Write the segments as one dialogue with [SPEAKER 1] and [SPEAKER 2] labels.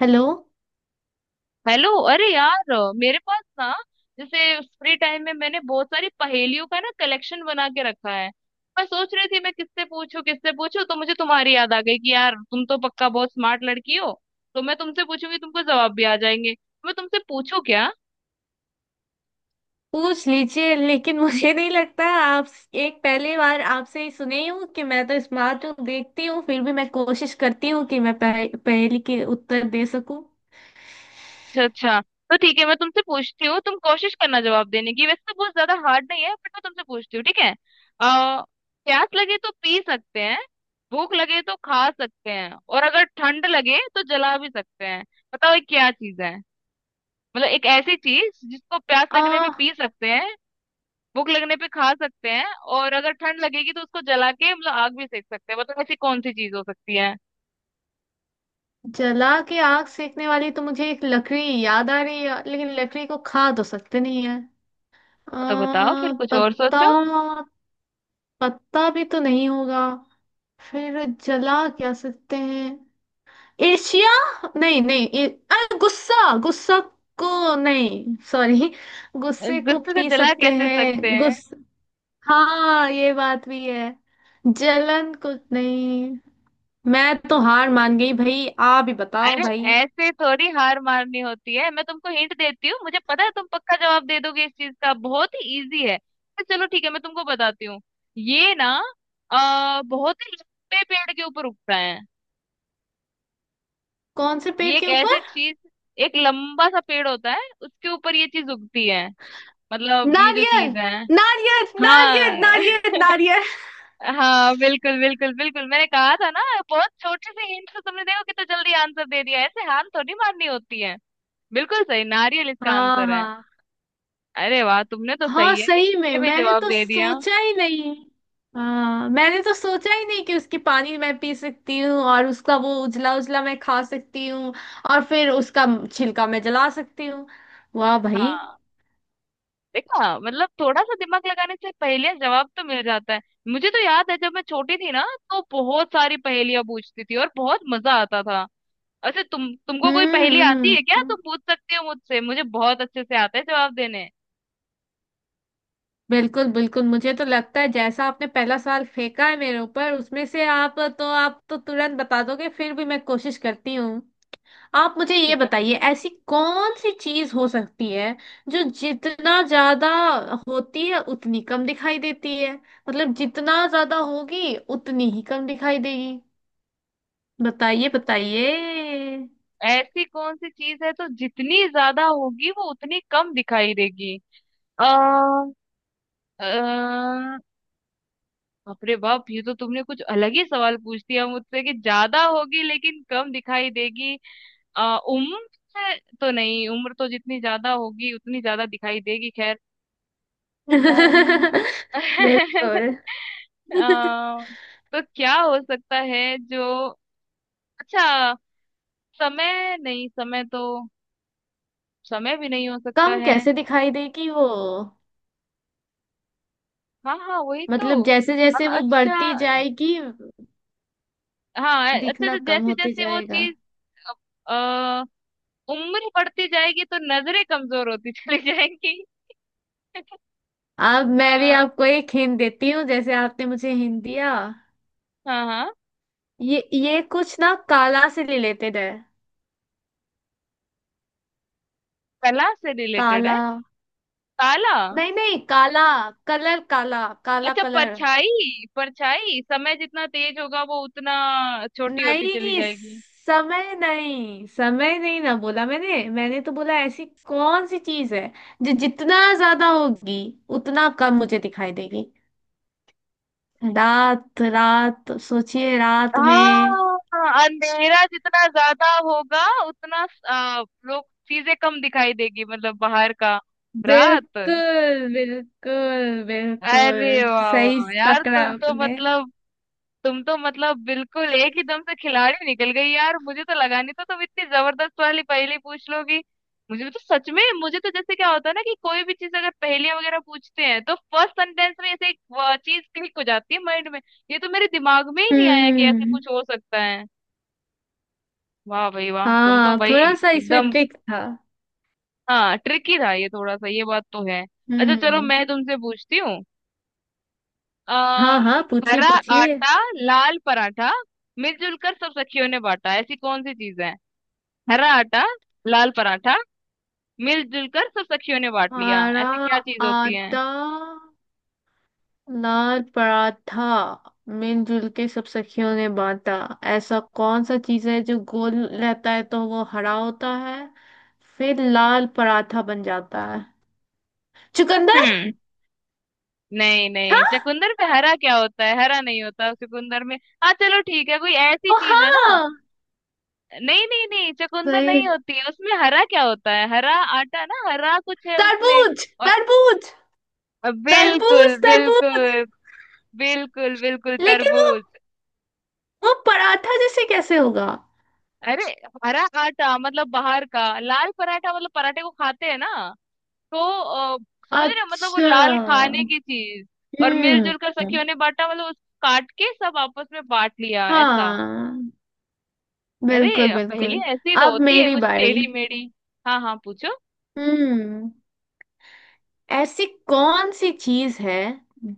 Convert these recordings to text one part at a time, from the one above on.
[SPEAKER 1] Hello.
[SPEAKER 2] Hello. अरे यार, मेरे पास ना, जैसे फ्री टाइम में मैंने बहुत सारी पहेलियों का ना कलेक्शन बना के रखा है। मैं सोच रही थी मैं किससे पूछूं, किससे पूछूं, तो मुझे तुम्हारी याद आ गई कि यार तुम तो पक्का बहुत स्मार्ट लड़की हो। तो मैं तुमसे पूछूंगी, तुमको जवाब भी आ जाएंगे। मैं तुमसे पूछूं क्या?
[SPEAKER 1] पूछ लीजिए, लेकिन मुझे नहीं लगता आप। एक पहली बार आपसे ही सुनी हूँ कि मैं तो स्मार्ट हूँ। देखती हूँ, फिर भी मैं कोशिश करती हूँ कि मैं पहेली के उत्तर दे सकूं।
[SPEAKER 2] अच्छा अच्छा। तो ठीक है, मैं तुमसे पूछती हूँ, तुम कोशिश करना जवाब देने की। वैसे तो बहुत ज्यादा हार्ड नहीं है बट मैं तुमसे पूछती हूँ। ठीक है। आ, प्यास लगे तो पी सकते हैं, भूख लगे तो खा सकते हैं और अगर ठंड लगे तो जला भी सकते हैं। बताओ ये क्या चीज है? मतलब एक ऐसी चीज जिसको प्यास
[SPEAKER 1] आ,
[SPEAKER 2] लगने पे पी सकते हैं, भूख लगने पे खा सकते हैं और अगर ठंड लगेगी तो उसको जला के मतलब आग भी सेक सकते हैं। बताओ ऐसी कौन सी चीज हो सकती है?
[SPEAKER 1] जला के आग सेकने वाली तो मुझे एक लकड़ी याद आ रही है, लेकिन लकड़ी को खा तो सकते नहीं है।
[SPEAKER 2] तो बताओ फिर,
[SPEAKER 1] आ,
[SPEAKER 2] कुछ और
[SPEAKER 1] पत्ता।
[SPEAKER 2] सोचो।
[SPEAKER 1] पत्ता भी तो नहीं होगा। फिर जला क्या सकते हैं। एशिया। नहीं नहीं, अरे गुस्सा गुस्सा को नहीं, सॉरी। गुस्से को
[SPEAKER 2] गुस्से से
[SPEAKER 1] पी
[SPEAKER 2] जला
[SPEAKER 1] सकते
[SPEAKER 2] कैसे
[SPEAKER 1] हैं।
[SPEAKER 2] सकते हैं?
[SPEAKER 1] गुस। हाँ, ये बात भी है। जलन। कुछ नहीं, मैं तो हार मान गई भाई, आप ही बताओ
[SPEAKER 2] अरे,
[SPEAKER 1] भाई।
[SPEAKER 2] ऐसे थोड़ी हार मारनी होती है। मैं तुमको हिंट देती हूँ, मुझे पता है तुम पक्का जवाब दे दोगे इस चीज का। बहुत ही इजी है, तो चलो ठीक है, मैं तुमको बताती हूँ। ये ना, बहुत ही लंबे पेड़ के ऊपर उगता है।
[SPEAKER 1] कौन से पेड़
[SPEAKER 2] ये एक
[SPEAKER 1] के ऊपर।
[SPEAKER 2] ऐसी चीज, एक लंबा सा पेड़ होता है उसके ऊपर ये चीज उगती है। मतलब ये जो
[SPEAKER 1] नारियल,
[SPEAKER 2] चीज है।
[SPEAKER 1] नारियल, नारियल,
[SPEAKER 2] हाँ
[SPEAKER 1] नारियल, नारियल।
[SPEAKER 2] हाँ, बिल्कुल बिल्कुल बिल्कुल, मैंने कहा था ना। बहुत छोटे से हिंट से तुमने देखो कितना जल्दी आंसर दे दिया। ऐसे हार थोड़ी मारनी होती है। बिल्कुल सही, नारियल इसका
[SPEAKER 1] हाँ,
[SPEAKER 2] आंसर है।
[SPEAKER 1] हाँ।
[SPEAKER 2] अरे वाह, तुमने तो
[SPEAKER 1] हाँ,
[SPEAKER 2] सही है, एक
[SPEAKER 1] सही
[SPEAKER 2] से
[SPEAKER 1] में
[SPEAKER 2] भी
[SPEAKER 1] मैंने
[SPEAKER 2] जवाब
[SPEAKER 1] तो
[SPEAKER 2] दे दिया।
[SPEAKER 1] सोचा ही नहीं। हाँ, मैंने तो सोचा ही नहीं कि उसकी पानी मैं पी सकती हूँ और उसका वो उजला उजला मैं खा सकती हूँ। और फिर उसका छिलका मैं जला सकती हूँ। वाह भाई।
[SPEAKER 2] हाँ। देखा, मतलब थोड़ा सा दिमाग लगाने से पहेलियां जवाब तो मिल जाता है। मुझे तो याद है जब मैं छोटी थी ना, तो बहुत सारी पहेलियां पूछती थी और बहुत मजा आता था। अच्छा, तुमको कोई पहेली
[SPEAKER 1] हम्म,
[SPEAKER 2] आती है क्या? तुम पूछ सकते हो मुझसे, मुझे बहुत अच्छे से आता है जवाब देने।
[SPEAKER 1] बिल्कुल बिल्कुल। मुझे तो लगता है, जैसा आपने पहला सवाल फेंका है मेरे ऊपर, उसमें से आप तो तुरंत बता दोगे, फिर भी मैं कोशिश करती हूँ। आप मुझे ये
[SPEAKER 2] ठीक है,
[SPEAKER 1] बताइए,
[SPEAKER 2] पूछे।
[SPEAKER 1] ऐसी कौन सी चीज हो सकती है जो जितना ज्यादा होती है उतनी कम दिखाई देती है। मतलब जितना ज्यादा होगी उतनी ही कम दिखाई देगी। बताइए, बताइए।
[SPEAKER 2] ऐसी कौन सी चीज है तो जितनी ज्यादा होगी वो उतनी कम दिखाई देगी? आ, अपने बाप, ये तो तुमने कुछ अलग ही सवाल पूछ दिया मुझसे कि ज्यादा होगी लेकिन कम दिखाई देगी। उम्र है तो नहीं, उम्र तो जितनी ज्यादा होगी उतनी ज्यादा दिखाई देगी। खैर। अम्म,
[SPEAKER 1] बिल्कुल।
[SPEAKER 2] आ, तो क्या हो सकता है जो, अच्छा, समय नहीं, समय तो, समय भी नहीं हो सकता
[SPEAKER 1] कम
[SPEAKER 2] है।
[SPEAKER 1] कैसे दिखाई देगी वो।
[SPEAKER 2] हाँ हाँ, वही
[SPEAKER 1] मतलब
[SPEAKER 2] तो।
[SPEAKER 1] जैसे जैसे वो
[SPEAKER 2] अच्छा
[SPEAKER 1] बढ़ती जाएगी,
[SPEAKER 2] हाँ, अच्छा
[SPEAKER 1] दिखना
[SPEAKER 2] अच्छा,
[SPEAKER 1] कम
[SPEAKER 2] जैसे
[SPEAKER 1] होते
[SPEAKER 2] जैसे वो
[SPEAKER 1] जाएगा।
[SPEAKER 2] चीज, उम्र बढ़ती जाएगी तो नजरें कमजोर होती चली जाएंगी।
[SPEAKER 1] अब मैं भी
[SPEAKER 2] अ,
[SPEAKER 1] आपको एक हिंट देती हूँ, जैसे आपने मुझे हिंट दिया।
[SPEAKER 2] हाँ हाँ,
[SPEAKER 1] ये कुछ ना काला से रिलेटेड है।
[SPEAKER 2] कला से रिलेटेड है।
[SPEAKER 1] काला।
[SPEAKER 2] ताला।
[SPEAKER 1] नहीं नहीं, काला कलर। काला काला
[SPEAKER 2] अच्छा,
[SPEAKER 1] कलर।
[SPEAKER 2] परछाई, परछाई। समय जितना तेज होगा वो उतना छोटी होती चली
[SPEAKER 1] नहीं,
[SPEAKER 2] जाएगी।
[SPEAKER 1] समय नहीं, समय नहीं ना, बोला मैंने। मैंने तो बोला, ऐसी कौन सी चीज है जो जितना ज्यादा होगी उतना कम मुझे दिखाई देगी। रात, रात। सोचिए, रात में।
[SPEAKER 2] हाँ, अंधेरा जितना ज्यादा होगा उतना लोग चीजें कम दिखाई देगी, मतलब बाहर का। रात।
[SPEAKER 1] बिल्कुल, बिल्कुल
[SPEAKER 2] अरे
[SPEAKER 1] बिल्कुल
[SPEAKER 2] वाह
[SPEAKER 1] सही
[SPEAKER 2] वाह यार,
[SPEAKER 1] पकड़ा
[SPEAKER 2] तुम तो
[SPEAKER 1] आपने।
[SPEAKER 2] मतलब, तुम तो मतलब बिल्कुल एक ही दम से खिलाड़ी निकल गई यार। मुझे तो लगा नहीं था तुम इतनी जबरदस्त वाली पहेली पूछ लोगी। मुझे तो सच में, मुझे तो जैसे क्या होता है ना कि कोई भी चीज अगर पहेलियां वगैरह पूछते हैं तो फर्स्ट सेंटेंस में ऐसे एक चीज क्लिक हो जाती है माइंड में। ये तो मेरे दिमाग में ही नहीं आया कि ऐसा
[SPEAKER 1] हम्म।
[SPEAKER 2] कुछ हो सकता है। वाह भाई वाह, तुम तो
[SPEAKER 1] हाँ,
[SPEAKER 2] भाई
[SPEAKER 1] थोड़ा सा इसमें
[SPEAKER 2] एकदम।
[SPEAKER 1] ट्रिक था।
[SPEAKER 2] हाँ ट्रिकी था ये, थोड़ा सा, ये बात तो है। अच्छा, चलो
[SPEAKER 1] हम्म।
[SPEAKER 2] मैं तुमसे पूछती हूँ। आ,
[SPEAKER 1] हाँ हाँ, पूछिए
[SPEAKER 2] हरा
[SPEAKER 1] पूछिए।
[SPEAKER 2] आटा, लाल पराठा, मिलजुल कर सब सखियों ने बांटा, ऐसी कौन सी चीज है? हरा आटा, लाल पराठा, मिलजुल कर सब सखियों ने बांट लिया,
[SPEAKER 1] हरा
[SPEAKER 2] ऐसी क्या चीज होती है?
[SPEAKER 1] आटा, लाल पराठा, मिलजुल के सब सखियों ने बांटा। ऐसा कौन सा चीज है जो गोल रहता है तो वो हरा होता है, फिर लाल पराठा बन जाता है। चुकंदर।
[SPEAKER 2] हम्म। नहीं नहीं,
[SPEAKER 1] हाँ।
[SPEAKER 2] चुकंदर पे हरा क्या होता है? हरा नहीं होता चुकंदर में। हाँ चलो ठीक है, कोई ऐसी
[SPEAKER 1] ओ
[SPEAKER 2] चीज है ना।
[SPEAKER 1] हाँ,
[SPEAKER 2] नहीं नहीं नहीं, चुकंदर
[SPEAKER 1] सही है।
[SPEAKER 2] नहीं होती है, उसमें हरा क्या होता है? हरा आटा ना, हरा कुछ है उसमें।
[SPEAKER 1] तरबूज,
[SPEAKER 2] और
[SPEAKER 1] तरबूज,
[SPEAKER 2] बिल्कुल
[SPEAKER 1] तरबूज,
[SPEAKER 2] बिल्कुल।
[SPEAKER 1] तरबूज।
[SPEAKER 2] बिल्कुल बिल्कुल
[SPEAKER 1] लेकिन वो
[SPEAKER 2] तरबूज।
[SPEAKER 1] वो पराठा जैसे कैसे होगा।
[SPEAKER 2] अरे, हरा आटा मतलब बाहर का, लाल पराठा मतलब पराठे को खाते हैं ना। तो समझ रहे हो? मतलब वो
[SPEAKER 1] अच्छा।
[SPEAKER 2] लाल खाने की चीज। और
[SPEAKER 1] हम्म।
[SPEAKER 2] मिलजुल कर सखियों ने बांटा मतलब उसको काट के सब आपस में बांट लिया, ऐसा।
[SPEAKER 1] हाँ, बिल्कुल
[SPEAKER 2] अरे पहेली
[SPEAKER 1] बिल्कुल।
[SPEAKER 2] ऐसी तो
[SPEAKER 1] अब
[SPEAKER 2] होती है,
[SPEAKER 1] मेरी
[SPEAKER 2] कुछ
[SPEAKER 1] बारी।
[SPEAKER 2] टेढ़ी मेढ़ी। हाँ हाँ पूछो।
[SPEAKER 1] हम्म, ऐसी कौन सी चीज है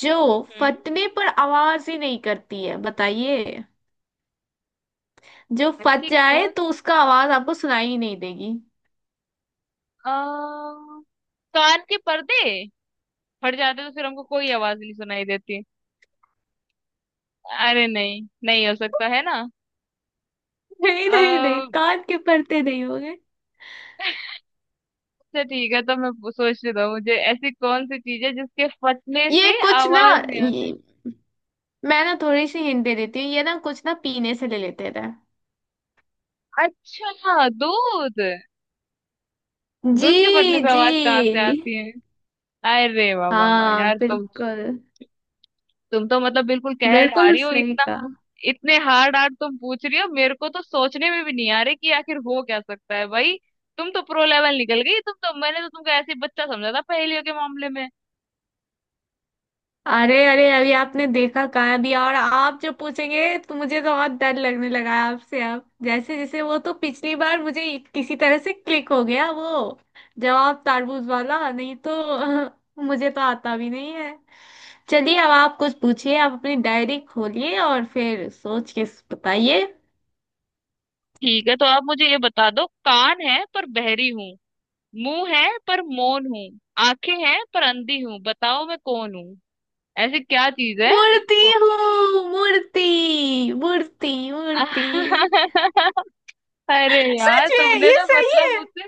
[SPEAKER 1] जो
[SPEAKER 2] हम्म।
[SPEAKER 1] फटने पर आवाज ही नहीं करती है, बताइए। जो फट
[SPEAKER 2] ऐसी
[SPEAKER 1] जाए
[SPEAKER 2] कौन,
[SPEAKER 1] तो उसका आवाज आपको सुनाई ही नहीं देगी।
[SPEAKER 2] आ, कान के पर्दे फट जाते तो फिर हमको कोई आवाज नहीं सुनाई देती। अरे नहीं नहीं, हो सकता है ना।
[SPEAKER 1] नहीं
[SPEAKER 2] अ,
[SPEAKER 1] नहीं नहीं, कान के पर्दे नहीं होंगे।
[SPEAKER 2] अच्छा ठीक है, तो मैं सोचने दो मुझे, ऐसी कौन सी चीज है जिसके फटने
[SPEAKER 1] ये
[SPEAKER 2] से
[SPEAKER 1] कुछ ना
[SPEAKER 2] आवाज नहीं
[SPEAKER 1] ये,
[SPEAKER 2] आती।
[SPEAKER 1] मैं ना थोड़ी सी हिंट दे देती हूँ। ये ना कुछ ना पीने से ले लेते थे।
[SPEAKER 2] अच्छा, दूध।
[SPEAKER 1] जी।
[SPEAKER 2] दूध के फटने पे
[SPEAKER 1] जी।
[SPEAKER 2] आवाज कहाँ से आती है? अरे वाह वाह वाह
[SPEAKER 1] हाँ,
[SPEAKER 2] यार तुम
[SPEAKER 1] बिल्कुल।
[SPEAKER 2] तुम तो मतलब बिल्कुल कह
[SPEAKER 1] बिल्कुल
[SPEAKER 2] ढारी हो
[SPEAKER 1] सही
[SPEAKER 2] इतना।
[SPEAKER 1] कहा।
[SPEAKER 2] इतने हार्ड हार्ड तुम पूछ रही हो, मेरे को तो सोचने में भी नहीं आ रही कि आखिर हो क्या सकता है भाई। तुम तो प्रो लेवल निकल गई, तुम तो। मैंने तो तुमको ऐसे ही बच्चा समझा था पहेलियों के मामले में।
[SPEAKER 1] अरे अरे, अभी आपने देखा कहाँ दिया, और आप जो पूछेंगे तो मुझे तो बहुत डर लगने लगा है आपसे। अब जैसे जैसे वो, तो पिछली बार मुझे किसी तरह से क्लिक हो गया, वो जवाब तारबूज वाला। नहीं तो अ, मुझे तो आता भी नहीं है। चलिए, अब आप कुछ पूछिए। आप अपनी डायरी खोलिए और फिर सोच के बताइए।
[SPEAKER 2] ठीक है, तो आप मुझे ये बता दो, कान है पर बहरी हूँ, मुंह है पर मौन हूँ, आंखें हैं पर अंधी हूँ, बताओ मैं कौन हूँ? ऐसी क्या चीज है
[SPEAKER 1] मूर्ति
[SPEAKER 2] देखो।
[SPEAKER 1] हूँ, मूर्ति, मूर्ति, मूर्ति।
[SPEAKER 2] अरे यार,
[SPEAKER 1] सच में
[SPEAKER 2] तुमने
[SPEAKER 1] ये
[SPEAKER 2] तो
[SPEAKER 1] सही
[SPEAKER 2] मतलब
[SPEAKER 1] है।
[SPEAKER 2] मुझसे।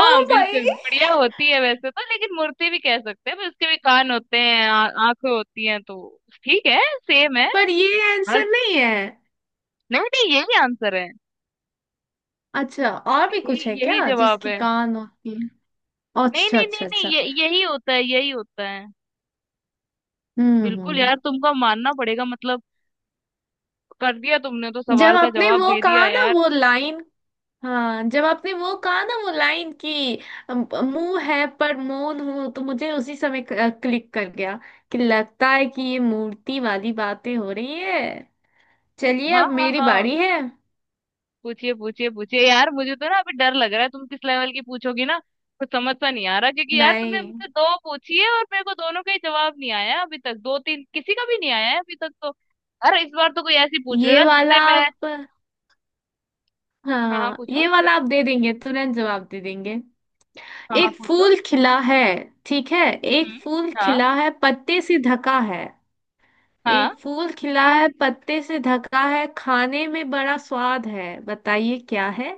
[SPEAKER 1] ओ भाई,
[SPEAKER 2] बिल्कुल, गुड़िया होती है वैसे तो, लेकिन मूर्ति भी कह सकते हैं, पर उसके भी कान होते हैं, आंखें होती हैं तो। ठीक है, सेम है।
[SPEAKER 1] पर ये
[SPEAKER 2] हर,
[SPEAKER 1] आंसर नहीं है।
[SPEAKER 2] नहीं नहीं, यही आंसर है,
[SPEAKER 1] अच्छा, और भी कुछ
[SPEAKER 2] यही
[SPEAKER 1] है
[SPEAKER 2] यही
[SPEAKER 1] क्या
[SPEAKER 2] जवाब
[SPEAKER 1] जिसकी
[SPEAKER 2] है।
[SPEAKER 1] कान होती है।
[SPEAKER 2] नहीं
[SPEAKER 1] अच्छा
[SPEAKER 2] नहीं नहीं
[SPEAKER 1] अच्छा
[SPEAKER 2] नहीं,
[SPEAKER 1] अच्छा।
[SPEAKER 2] ये यही होता है, यही होता है। बिल्कुल
[SPEAKER 1] हम्म।
[SPEAKER 2] यार, तुमको मानना पड़ेगा मतलब। कर दिया तुमने तो,
[SPEAKER 1] जब
[SPEAKER 2] सवाल का
[SPEAKER 1] आपने
[SPEAKER 2] जवाब
[SPEAKER 1] वो
[SPEAKER 2] दे दिया
[SPEAKER 1] कहा ना,
[SPEAKER 2] यार।
[SPEAKER 1] वो लाइन। हाँ, जब आपने वो कहा ना, वो लाइन की मुंह है पर मौन हूँ, तो मुझे उसी समय क्लिक कर गया कि लगता है कि ये मूर्ति वाली बातें हो रही है। चलिए,
[SPEAKER 2] हाँ
[SPEAKER 1] अब
[SPEAKER 2] हाँ
[SPEAKER 1] मेरी
[SPEAKER 2] हाँ,
[SPEAKER 1] बारी है।
[SPEAKER 2] पूछिए पूछिए पूछिए। यार मुझे तो ना अभी डर लग रहा है, तुम किस लेवल की पूछोगी ना। कुछ समझ सा नहीं आ रहा क्योंकि यार तुमने
[SPEAKER 1] नहीं,
[SPEAKER 2] मुझसे दो पूछी है और मेरे को दोनों का ही जवाब नहीं आया है अभी तक, दो तीन किसी का भी नहीं आया है अभी तक तो। यार इस बार तो कोई ऐसी पूछ रहे
[SPEAKER 1] ये
[SPEAKER 2] ना
[SPEAKER 1] वाला
[SPEAKER 2] जिससे मैं,
[SPEAKER 1] आप।
[SPEAKER 2] हाँ हाँ
[SPEAKER 1] हाँ,
[SPEAKER 2] पूछो,
[SPEAKER 1] ये वाला आप दे देंगे, तुरंत जवाब दे देंगे।
[SPEAKER 2] हाँ हाँ
[SPEAKER 1] एक
[SPEAKER 2] पूछो।
[SPEAKER 1] फूल खिला है, ठीक है। एक
[SPEAKER 2] हम्म।
[SPEAKER 1] फूल
[SPEAKER 2] हाँ
[SPEAKER 1] खिला है, पत्ते से ढका है।
[SPEAKER 2] हाँ।
[SPEAKER 1] एक फूल खिला है, पत्ते से ढका है, खाने में बड़ा स्वाद है, बताइए क्या है।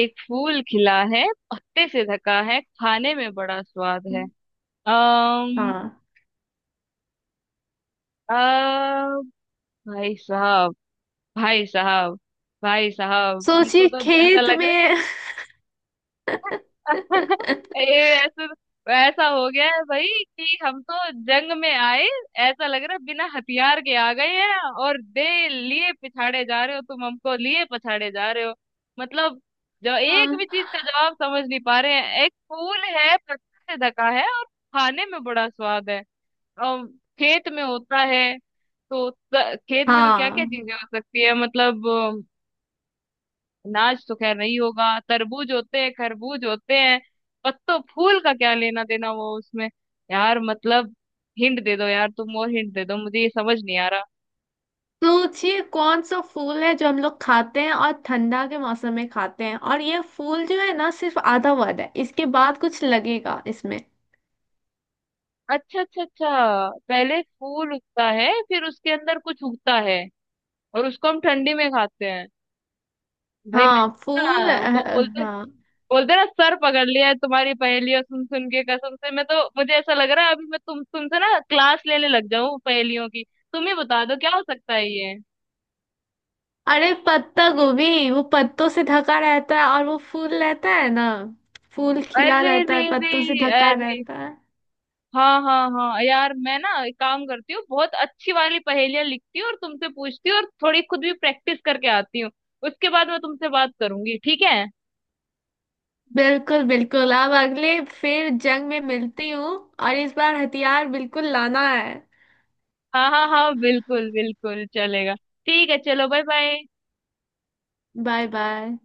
[SPEAKER 2] एक फूल खिला है, पत्ते से ढका है, खाने में बड़ा स्वाद है। अम्म
[SPEAKER 1] हाँ,
[SPEAKER 2] अ, भाई साहब, भाई साहब, भाई साहब, हमको
[SPEAKER 1] सोचिए
[SPEAKER 2] तो ऐसा
[SPEAKER 1] खेत
[SPEAKER 2] लग रहा है,
[SPEAKER 1] में।
[SPEAKER 2] ये ऐसे, ऐसा हो गया है भाई कि हम तो जंग में आए, ऐसा लग रहा है बिना हथियार के आ गए हैं और दे लिए पिछाड़े जा रहे हो, तुम हमको लिए पछाड़े जा रहे हो। मतलब जो एक
[SPEAKER 1] हाँ
[SPEAKER 2] भी चीज का जवाब समझ नहीं पा रहे हैं। एक फूल है, पत्ते से ढका है और खाने में बड़ा स्वाद है और खेत में होता है। तो खेत में तो क्या क्या
[SPEAKER 1] हाँ,
[SPEAKER 2] चीजें हो सकती है मतलब? अनाज तो खैर नहीं होगा, तरबूज होते हैं, खरबूज होते हैं, पत्तों फूल का क्या लेना देना वो उसमें। यार मतलब हिंट दे दो यार, तुम और हिंट दे दो, मुझे ये समझ नहीं आ रहा।
[SPEAKER 1] सोचिए कौन सा फूल है जो हम लोग खाते हैं और ठंडा के मौसम में खाते हैं, और ये फूल जो है ना सिर्फ आधा वर्ड है, इसके बाद कुछ लगेगा इसमें।
[SPEAKER 2] अच्छा अच्छा अच्छा। पहले फूल उगता है, फिर उसके अंदर कुछ उगता है और उसको हम ठंडी में खाते हैं। भाई मैं
[SPEAKER 1] हाँ,
[SPEAKER 2] ना, वो बोलते,
[SPEAKER 1] हाँ,
[SPEAKER 2] बोलते ना सर पकड़ लिया है तुम्हारी पहेलियां सुन सुन के, कसम से। मैं तो, मुझे ऐसा लग रहा है अभी मैं तुमसे ना क्लास लेने लग जाऊं पहेलियों की। तुम ही बता दो क्या हो सकता है ये।
[SPEAKER 1] अरे पत्ता गोभी। वो पत्तों से ढका रहता है और वो फूल रहता है ना। फूल खिला
[SPEAKER 2] अरे
[SPEAKER 1] रहता है,
[SPEAKER 2] रे रे
[SPEAKER 1] पत्तों से ढका
[SPEAKER 2] अरे।
[SPEAKER 1] रहता है।
[SPEAKER 2] हाँ हाँ हाँ यार, मैं ना एक काम करती हूँ, बहुत अच्छी वाली पहेलियां लिखती हूँ और तुमसे पूछती हूँ और थोड़ी खुद भी प्रैक्टिस करके आती हूँ। उसके बाद मैं तुमसे बात करूंगी, ठीक है।
[SPEAKER 1] बिल्कुल बिल्कुल। अब अगले फिर जंग में मिलती हूँ, और इस बार हथियार बिल्कुल लाना है।
[SPEAKER 2] हाँ हाँ हाँ, बिल्कुल बिल्कुल चलेगा। ठीक है, चलो बाय बाय।
[SPEAKER 1] Bye bye.